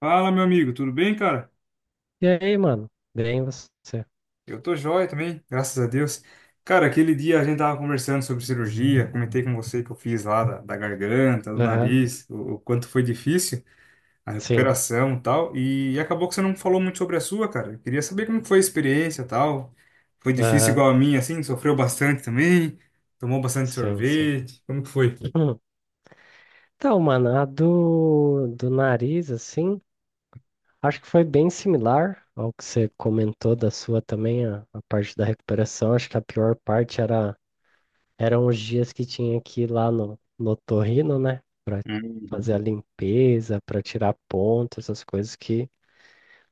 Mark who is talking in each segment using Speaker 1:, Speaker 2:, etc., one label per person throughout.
Speaker 1: Fala, meu amigo, tudo bem, cara?
Speaker 2: E aí, mano? Bem você?
Speaker 1: Eu tô joia também, graças a Deus. Cara, aquele dia a gente tava conversando sobre cirurgia, comentei com você que eu fiz lá da garganta, do
Speaker 2: Aham.
Speaker 1: nariz, o quanto foi difícil a
Speaker 2: Sim.
Speaker 1: recuperação e tal, e acabou que você não falou muito sobre a sua, cara. Eu queria saber como que foi a experiência e tal. Foi difícil
Speaker 2: Aham.
Speaker 1: igual a minha, assim? Sofreu bastante também? Tomou bastante
Speaker 2: Sim, sim.
Speaker 1: sorvete? Como que foi?
Speaker 2: Hum. Então, mano, a do nariz, assim, acho que foi bem similar ao que você comentou da sua também, a parte da recuperação. Acho que a pior parte era, eram os dias que tinha que ir lá no otorrino, né? Pra
Speaker 1: Uhum.
Speaker 2: fazer a limpeza, pra tirar ponto, essas coisas que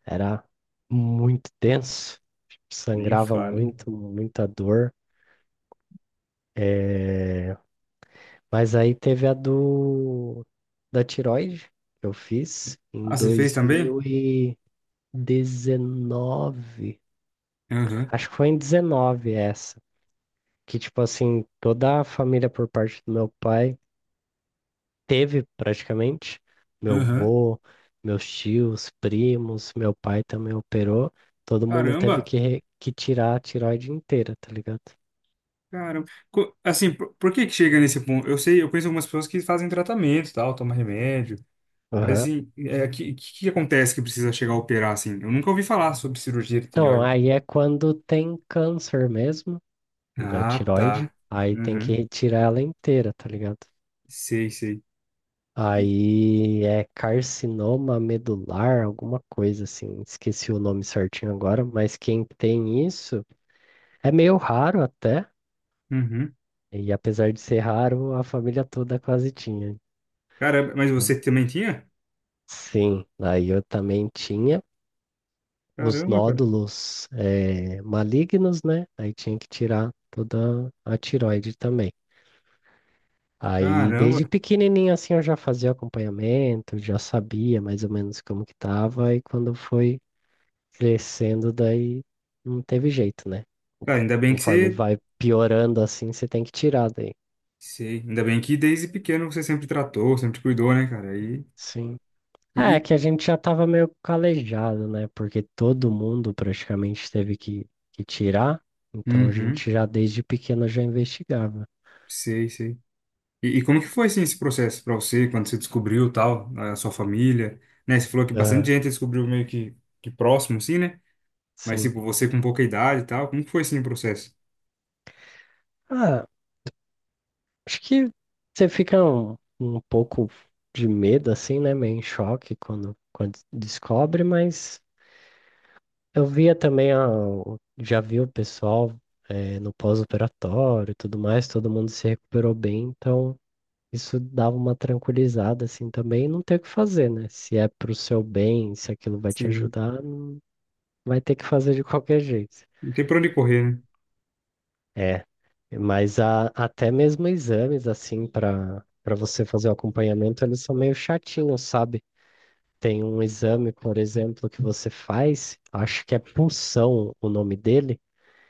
Speaker 2: era muito tenso.
Speaker 1: Nem
Speaker 2: Sangrava
Speaker 1: fale.
Speaker 2: muito, muita dor. É. Mas aí teve a do da tiroide que eu fiz em
Speaker 1: Ah, você fez também?
Speaker 2: 2019.
Speaker 1: Aham,
Speaker 2: Acho que foi em 19 essa, que tipo assim, toda a família por parte do meu pai teve praticamente, meu
Speaker 1: aham.
Speaker 2: vô, meus tios, primos, meu pai também operou, todo mundo teve
Speaker 1: Caramba!
Speaker 2: que, que tirar a tiroide inteira, tá ligado?
Speaker 1: Cara, assim, por que que chega nesse ponto? Eu sei, eu conheço algumas pessoas que fazem tratamento, e tal, tomam remédio, mas
Speaker 2: Aham.
Speaker 1: assim, é, que acontece que precisa chegar a operar assim? Eu nunca ouvi falar sobre cirurgia de
Speaker 2: Então,
Speaker 1: tireoide.
Speaker 2: aí é quando tem câncer mesmo. Da
Speaker 1: Ah,
Speaker 2: tireoide,
Speaker 1: tá.
Speaker 2: aí tem que
Speaker 1: Uhum.
Speaker 2: retirar ela inteira, tá ligado?
Speaker 1: Sei, sei. E-
Speaker 2: Aí é carcinoma medular, alguma coisa assim, esqueci o nome certinho agora, mas quem tem isso é meio raro até,
Speaker 1: Uhum.
Speaker 2: e apesar de ser raro, a família toda quase tinha.
Speaker 1: Caramba, mas você
Speaker 2: Então,
Speaker 1: também tinha?
Speaker 2: sim, aí eu também tinha os
Speaker 1: Caramba, cara.
Speaker 2: nódulos malignos, né? Aí tinha que tirar toda a tireoide também. Aí,
Speaker 1: Caramba.
Speaker 2: desde pequenininho, assim, eu já fazia acompanhamento, já sabia mais ou menos como que tava, e quando foi crescendo, daí não teve jeito, né?
Speaker 1: Cara, ainda bem que
Speaker 2: Conforme
Speaker 1: você.
Speaker 2: vai piorando, assim, você tem que tirar daí.
Speaker 1: Sei. Ainda bem que desde pequeno você sempre tratou, sempre cuidou, né, cara? E.
Speaker 2: Sim. É,
Speaker 1: E-
Speaker 2: que a gente já tava meio calejado, né? Porque todo mundo praticamente teve que tirar, então a
Speaker 1: Uhum.
Speaker 2: gente já desde pequeno já investigava.
Speaker 1: Sei, sei. E como que foi assim, esse processo para você, quando você descobriu tal, a sua família, né? Você falou que bastante
Speaker 2: Aham,
Speaker 1: gente descobriu meio que próximo, assim, né? Mas
Speaker 2: sim.
Speaker 1: tipo, você com pouca idade e tal, como que foi assim o processo?
Speaker 2: Ah, acho que você fica um pouco de medo, assim, né? Meio em choque quando, quando descobre, mas eu via também, já vi o pessoal no pós-operatório e tudo mais, todo mundo se recuperou bem, então isso dava uma tranquilizada, assim, também, e não tem o que fazer, né? Se é pro seu bem, se aquilo vai te
Speaker 1: Sim.
Speaker 2: ajudar, não- vai ter que fazer de qualquer jeito.
Speaker 1: Não tem pra onde correr,
Speaker 2: É. Até mesmo exames, assim, para você fazer o acompanhamento, eles são meio chatinhos, sabe? Tem um exame, por exemplo, que você faz, acho que é punção o nome dele,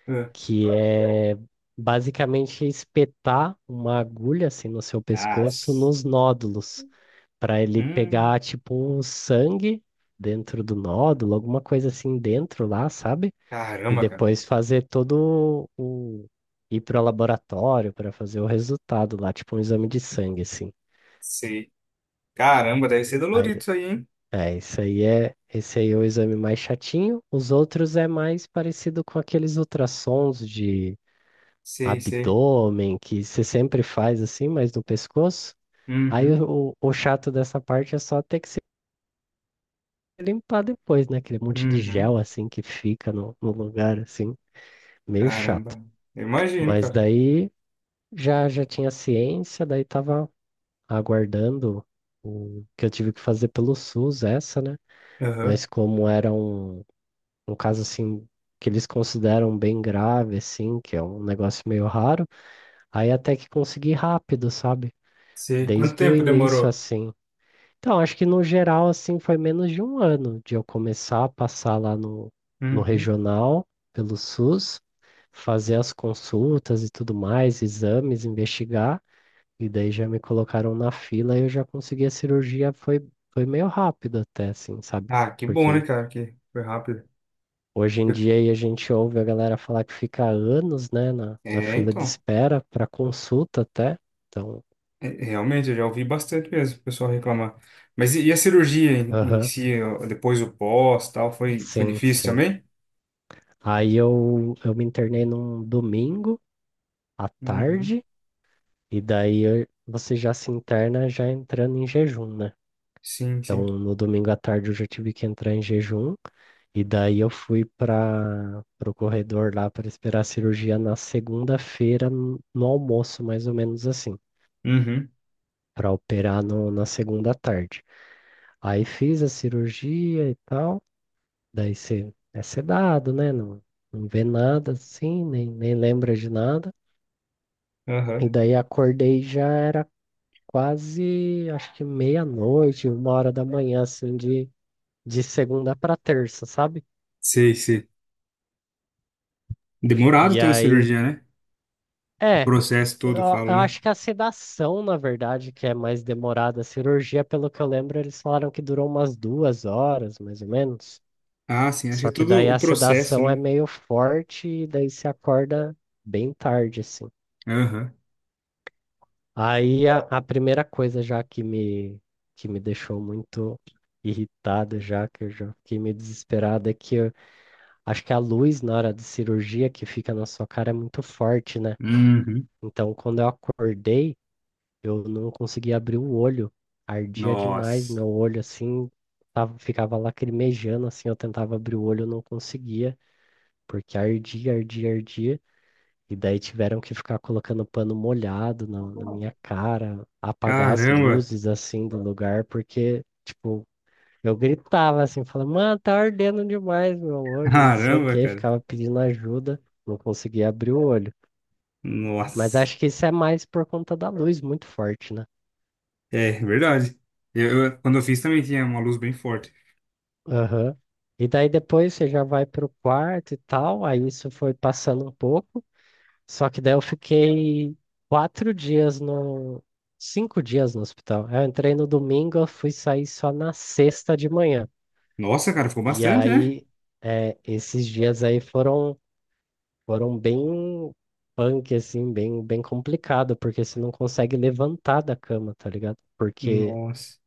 Speaker 1: né? É.
Speaker 2: que é basicamente espetar uma agulha, assim, no seu pescoço,
Speaker 1: Nossa.
Speaker 2: nos nódulos, para ele pegar,
Speaker 1: Hum,
Speaker 2: tipo, um sangue dentro do nódulo, alguma coisa assim dentro lá, sabe? E
Speaker 1: caramba, cara.
Speaker 2: depois fazer todo o. Ir para o laboratório para fazer o resultado lá, tipo um exame de sangue, assim.
Speaker 1: Sei. Caramba, deve ser dolorido
Speaker 2: Aí,
Speaker 1: isso aí, hein?
Speaker 2: é, isso aí é. Esse aí é o exame mais chatinho. Os outros é mais parecido com aqueles ultrassons de
Speaker 1: Sei, sei.
Speaker 2: abdômen que você sempre faz assim, mas no pescoço. Aí
Speaker 1: Uhum,
Speaker 2: o chato dessa parte é só ter que se limpar depois, né? Aquele monte de gel
Speaker 1: uhum.
Speaker 2: assim que fica no lugar, assim, meio chato.
Speaker 1: Caramba. Eu imagino,
Speaker 2: Mas
Speaker 1: cara.
Speaker 2: daí já já tinha ciência, daí tava aguardando o que eu tive que fazer pelo SUS, essa, né?
Speaker 1: Aham.
Speaker 2: Mas como era um, um caso assim que eles consideram bem grave, assim, que é um negócio meio raro, aí até que consegui rápido, sabe?
Speaker 1: Sei. Quanto
Speaker 2: Desde o
Speaker 1: tempo
Speaker 2: início,
Speaker 1: demorou?
Speaker 2: assim. Então, acho que no geral, assim, foi menos de um ano de eu começar a passar lá no
Speaker 1: Uhum.
Speaker 2: regional, pelo SUS, fazer as consultas e tudo mais, exames, investigar. E daí já me colocaram na fila e eu já consegui a cirurgia, foi, foi meio rápido até, assim, sabe?
Speaker 1: Ah, que bom, né,
Speaker 2: Porque
Speaker 1: cara? Que foi rápido.
Speaker 2: hoje em
Speaker 1: Eu-
Speaker 2: dia aí a gente ouve a galera falar que fica anos, né, na
Speaker 1: É,
Speaker 2: fila de
Speaker 1: então.
Speaker 2: espera para consulta até. Então,
Speaker 1: É, realmente, eu já ouvi bastante mesmo o pessoal reclamar. Mas e a cirurgia em
Speaker 2: aham,
Speaker 1: si, ó, depois o pós, tal, foi
Speaker 2: sim,
Speaker 1: difícil
Speaker 2: sim.
Speaker 1: também?
Speaker 2: Aí eu me internei num domingo à
Speaker 1: Uhum.
Speaker 2: tarde, e você já se interna já entrando em jejum, né?
Speaker 1: Sim,
Speaker 2: Então,
Speaker 1: sim.
Speaker 2: no domingo à tarde eu já tive que entrar em jejum. E daí eu fui para o corredor lá para esperar a cirurgia na segunda-feira, no almoço, mais ou menos assim,
Speaker 1: Uhum.
Speaker 2: para operar no, na segunda à tarde. Aí fiz a cirurgia e tal, daí você é sedado, né? Não, não vê nada assim, nem, nem lembra de nada. E
Speaker 1: Aham.
Speaker 2: daí acordei e já era quase, acho que meia-noite, uma hora da manhã, assim, de segunda para terça, sabe?
Speaker 1: Sei, sei. Demorado
Speaker 2: E
Speaker 1: ter uma
Speaker 2: aí,
Speaker 1: cirurgia, né? O
Speaker 2: é,
Speaker 1: processo
Speaker 2: eu,
Speaker 1: todo, eu falo,
Speaker 2: eu
Speaker 1: né?
Speaker 2: acho que a sedação, na verdade, que é mais demorada. A cirurgia, pelo que eu lembro, eles falaram que durou umas 2 horas, mais ou menos.
Speaker 1: Ah, sim, acho que é
Speaker 2: Só que
Speaker 1: todo
Speaker 2: daí
Speaker 1: o
Speaker 2: a
Speaker 1: processo,
Speaker 2: sedação é
Speaker 1: né?
Speaker 2: meio forte e daí se acorda bem tarde, assim.
Speaker 1: Aham.
Speaker 2: Aí a primeira coisa já que me deixou muito irritado já, que eu já fiquei meio desesperado, é acho que a luz na hora de cirurgia que fica na sua cara é muito forte, né?
Speaker 1: Uhum.
Speaker 2: Então, quando eu acordei, eu não conseguia abrir o olho, ardia demais
Speaker 1: Nossa.
Speaker 2: meu olho assim, tava, ficava lacrimejando assim, eu tentava abrir o olho, eu não conseguia, porque ardia, ardia, ardia, e daí tiveram que ficar colocando pano molhado na minha cara, apagar as
Speaker 1: Caramba.
Speaker 2: luzes assim do lugar, porque, tipo, eu gritava assim, falava, mano, tá ardendo demais meu olho, não sei o
Speaker 1: Caramba,
Speaker 2: que,
Speaker 1: cara.
Speaker 2: ficava pedindo ajuda, não conseguia abrir o olho. Mas
Speaker 1: Nossa.
Speaker 2: acho que isso é mais por conta da luz muito forte, né?
Speaker 1: É, verdade. Quando eu fiz também tinha uma luz bem forte.
Speaker 2: Aham. E daí depois você já vai pro quarto e tal, aí isso foi passando um pouco. Só que daí eu fiquei quatro dias no. 5 dias no hospital. Eu entrei no domingo, eu fui sair só na sexta de manhã.
Speaker 1: Nossa, cara, ficou
Speaker 2: E
Speaker 1: bastante, né?
Speaker 2: aí, é, esses dias aí foram, foram bem punk, assim, bem, bem complicado, porque você não consegue levantar da cama, tá ligado? Porque
Speaker 1: Nossa.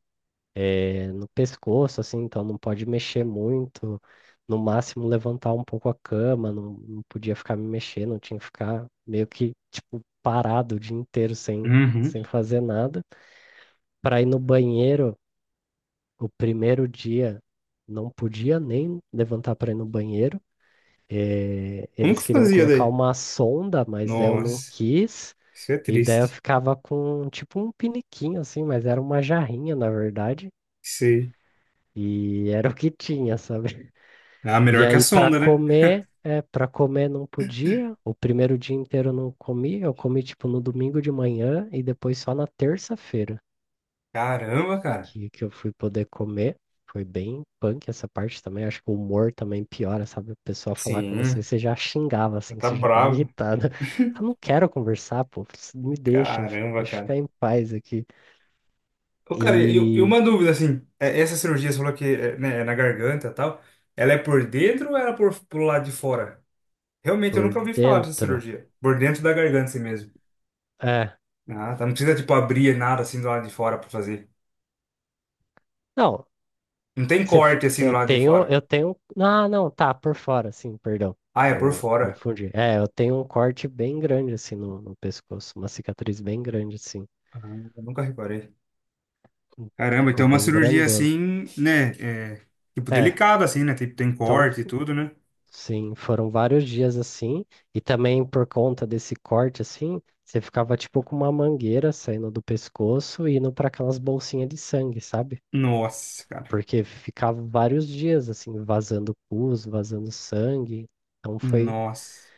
Speaker 2: é, no pescoço, assim, então não pode mexer muito, no máximo levantar um pouco a cama, não, não podia ficar me mexendo, tinha que ficar meio que, tipo, parado o dia inteiro sem,
Speaker 1: Uhum.
Speaker 2: sem fazer nada. Para ir no banheiro, o primeiro dia não podia nem levantar para ir no banheiro. Eh,
Speaker 1: Como que
Speaker 2: eles queriam
Speaker 1: fazia
Speaker 2: colocar
Speaker 1: daí?
Speaker 2: uma sonda, mas daí eu não
Speaker 1: Nossa,
Speaker 2: quis.
Speaker 1: isso é
Speaker 2: E daí eu
Speaker 1: triste.
Speaker 2: ficava com tipo um piniquinho assim, mas era uma jarrinha na verdade.
Speaker 1: Sei.
Speaker 2: E era o que tinha, sabe?
Speaker 1: Ah,
Speaker 2: E
Speaker 1: melhor que a
Speaker 2: aí, para
Speaker 1: sonda, né?
Speaker 2: comer, é, para comer não podia. O primeiro dia inteiro eu não comi. Eu comi tipo no domingo de manhã e depois só na terça-feira
Speaker 1: Caramba, cara.
Speaker 2: que eu fui poder comer. Foi bem punk essa parte também. Acho que o humor também piora, sabe? O pessoal falar com você,
Speaker 1: Sim,
Speaker 2: você já xingava,
Speaker 1: já
Speaker 2: assim, que
Speaker 1: tá
Speaker 2: você já tava
Speaker 1: bravo.
Speaker 2: irritada. Eu não quero conversar, pô. Me deixa,
Speaker 1: Caramba,
Speaker 2: deixa eu
Speaker 1: cara.
Speaker 2: ficar em paz aqui.
Speaker 1: Ô, cara, e
Speaker 2: E
Speaker 1: uma dúvida, assim, é, essa cirurgia, você falou que é, né, é na garganta e tal, ela é por dentro ou ela é pro lado de fora? Realmente, eu
Speaker 2: por
Speaker 1: nunca ouvi falar dessa
Speaker 2: dentro,
Speaker 1: cirurgia. Por dentro da garganta, assim mesmo.
Speaker 2: é.
Speaker 1: Ah, tá. Não precisa, tipo, abrir nada, assim, do lado de fora pra fazer.
Speaker 2: Não,
Speaker 1: Não tem
Speaker 2: Se fo-
Speaker 1: corte, assim, do
Speaker 2: eu
Speaker 1: lado de
Speaker 2: tenho,
Speaker 1: fora.
Speaker 2: eu tenho. Ah, não, tá, por fora, sim, perdão.
Speaker 1: Ah, é por
Speaker 2: Eu
Speaker 1: fora.
Speaker 2: confundi. É, eu tenho um corte bem grande assim no pescoço, uma cicatriz bem grande assim.
Speaker 1: Ah, eu nunca reparei. Caramba,
Speaker 2: Ficou
Speaker 1: então é uma
Speaker 2: bem
Speaker 1: cirurgia
Speaker 2: grandona.
Speaker 1: assim, né? É, tipo,
Speaker 2: É,
Speaker 1: delicada, assim, né? Tipo, tem
Speaker 2: então,
Speaker 1: corte e tudo, né?
Speaker 2: sim, foram vários dias assim. E também por conta desse corte assim, você ficava tipo com uma mangueira saindo do pescoço e indo para aquelas bolsinhas de sangue, sabe?
Speaker 1: Nossa, cara.
Speaker 2: Porque ficava vários dias assim, vazando pus, vazando sangue. Então foi
Speaker 1: Nossa.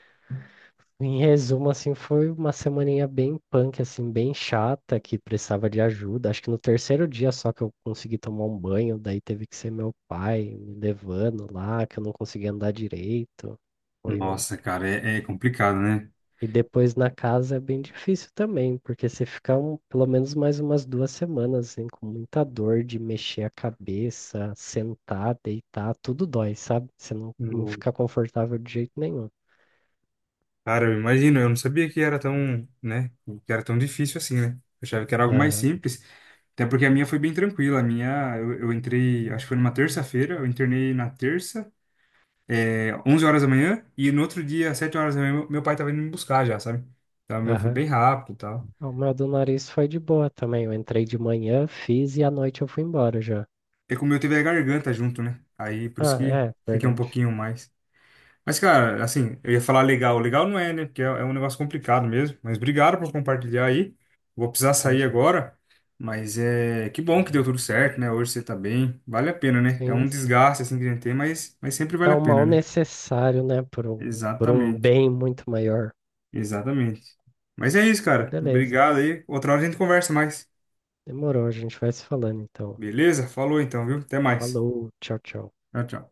Speaker 2: Em resumo, assim, foi uma semaninha bem punk, assim, bem chata, que precisava de ajuda. Acho que no terceiro dia só que eu consegui tomar um banho, daí teve que ser meu pai me levando lá, que eu não conseguia andar direito. Foi um...
Speaker 1: Nossa, cara, é complicado, né?
Speaker 2: E depois na casa é bem difícil também, porque você fica pelo menos mais umas 2 semanas, assim, com muita dor de mexer a cabeça, sentar, deitar, tudo dói, sabe? Você não, não
Speaker 1: No-
Speaker 2: fica confortável de jeito nenhum.
Speaker 1: Cara, eu imagino, eu não sabia que era tão, né? Que era tão difícil assim, né? Eu achava que era algo mais
Speaker 2: Aham,
Speaker 1: simples. Até porque a minha foi bem tranquila. A minha, eu entrei, acho que foi numa terça-feira, eu internei na terça, é, 11 horas da manhã, e no outro dia, às 7 horas da manhã, meu pai tava indo me buscar já, sabe? Então, o meu foi
Speaker 2: aham.
Speaker 1: bem rápido e tal.
Speaker 2: Ah, o meu do nariz foi de boa também. Eu entrei de manhã, fiz e à noite eu fui embora já.
Speaker 1: É como eu teve a garganta junto, né? Aí por isso
Speaker 2: Ah,
Speaker 1: que
Speaker 2: é,
Speaker 1: fiquei um
Speaker 2: verdade.
Speaker 1: pouquinho mais. Mas, cara, assim, eu ia falar legal. Legal não é, né? Porque é um negócio complicado mesmo. Mas obrigado por compartilhar aí. Vou precisar sair
Speaker 2: Imagino.
Speaker 1: agora. Mas é que bom que deu tudo certo, né? Hoje você tá bem. Vale a pena, né? É
Speaker 2: Sim,
Speaker 1: um
Speaker 2: sim.
Speaker 1: desgaste assim que a gente tem, mas sempre vale
Speaker 2: É
Speaker 1: a
Speaker 2: um
Speaker 1: pena,
Speaker 2: mal
Speaker 1: né?
Speaker 2: necessário, né? Por um
Speaker 1: Exatamente.
Speaker 2: bem muito maior.
Speaker 1: Exatamente. Mas é isso,
Speaker 2: Mas
Speaker 1: cara.
Speaker 2: beleza.
Speaker 1: Obrigado aí. Outra hora a gente conversa mais.
Speaker 2: Demorou, a gente vai se falando então.
Speaker 1: Beleza? Falou então, viu? Até mais.
Speaker 2: Falou, tchau, tchau.
Speaker 1: Tchau, tchau.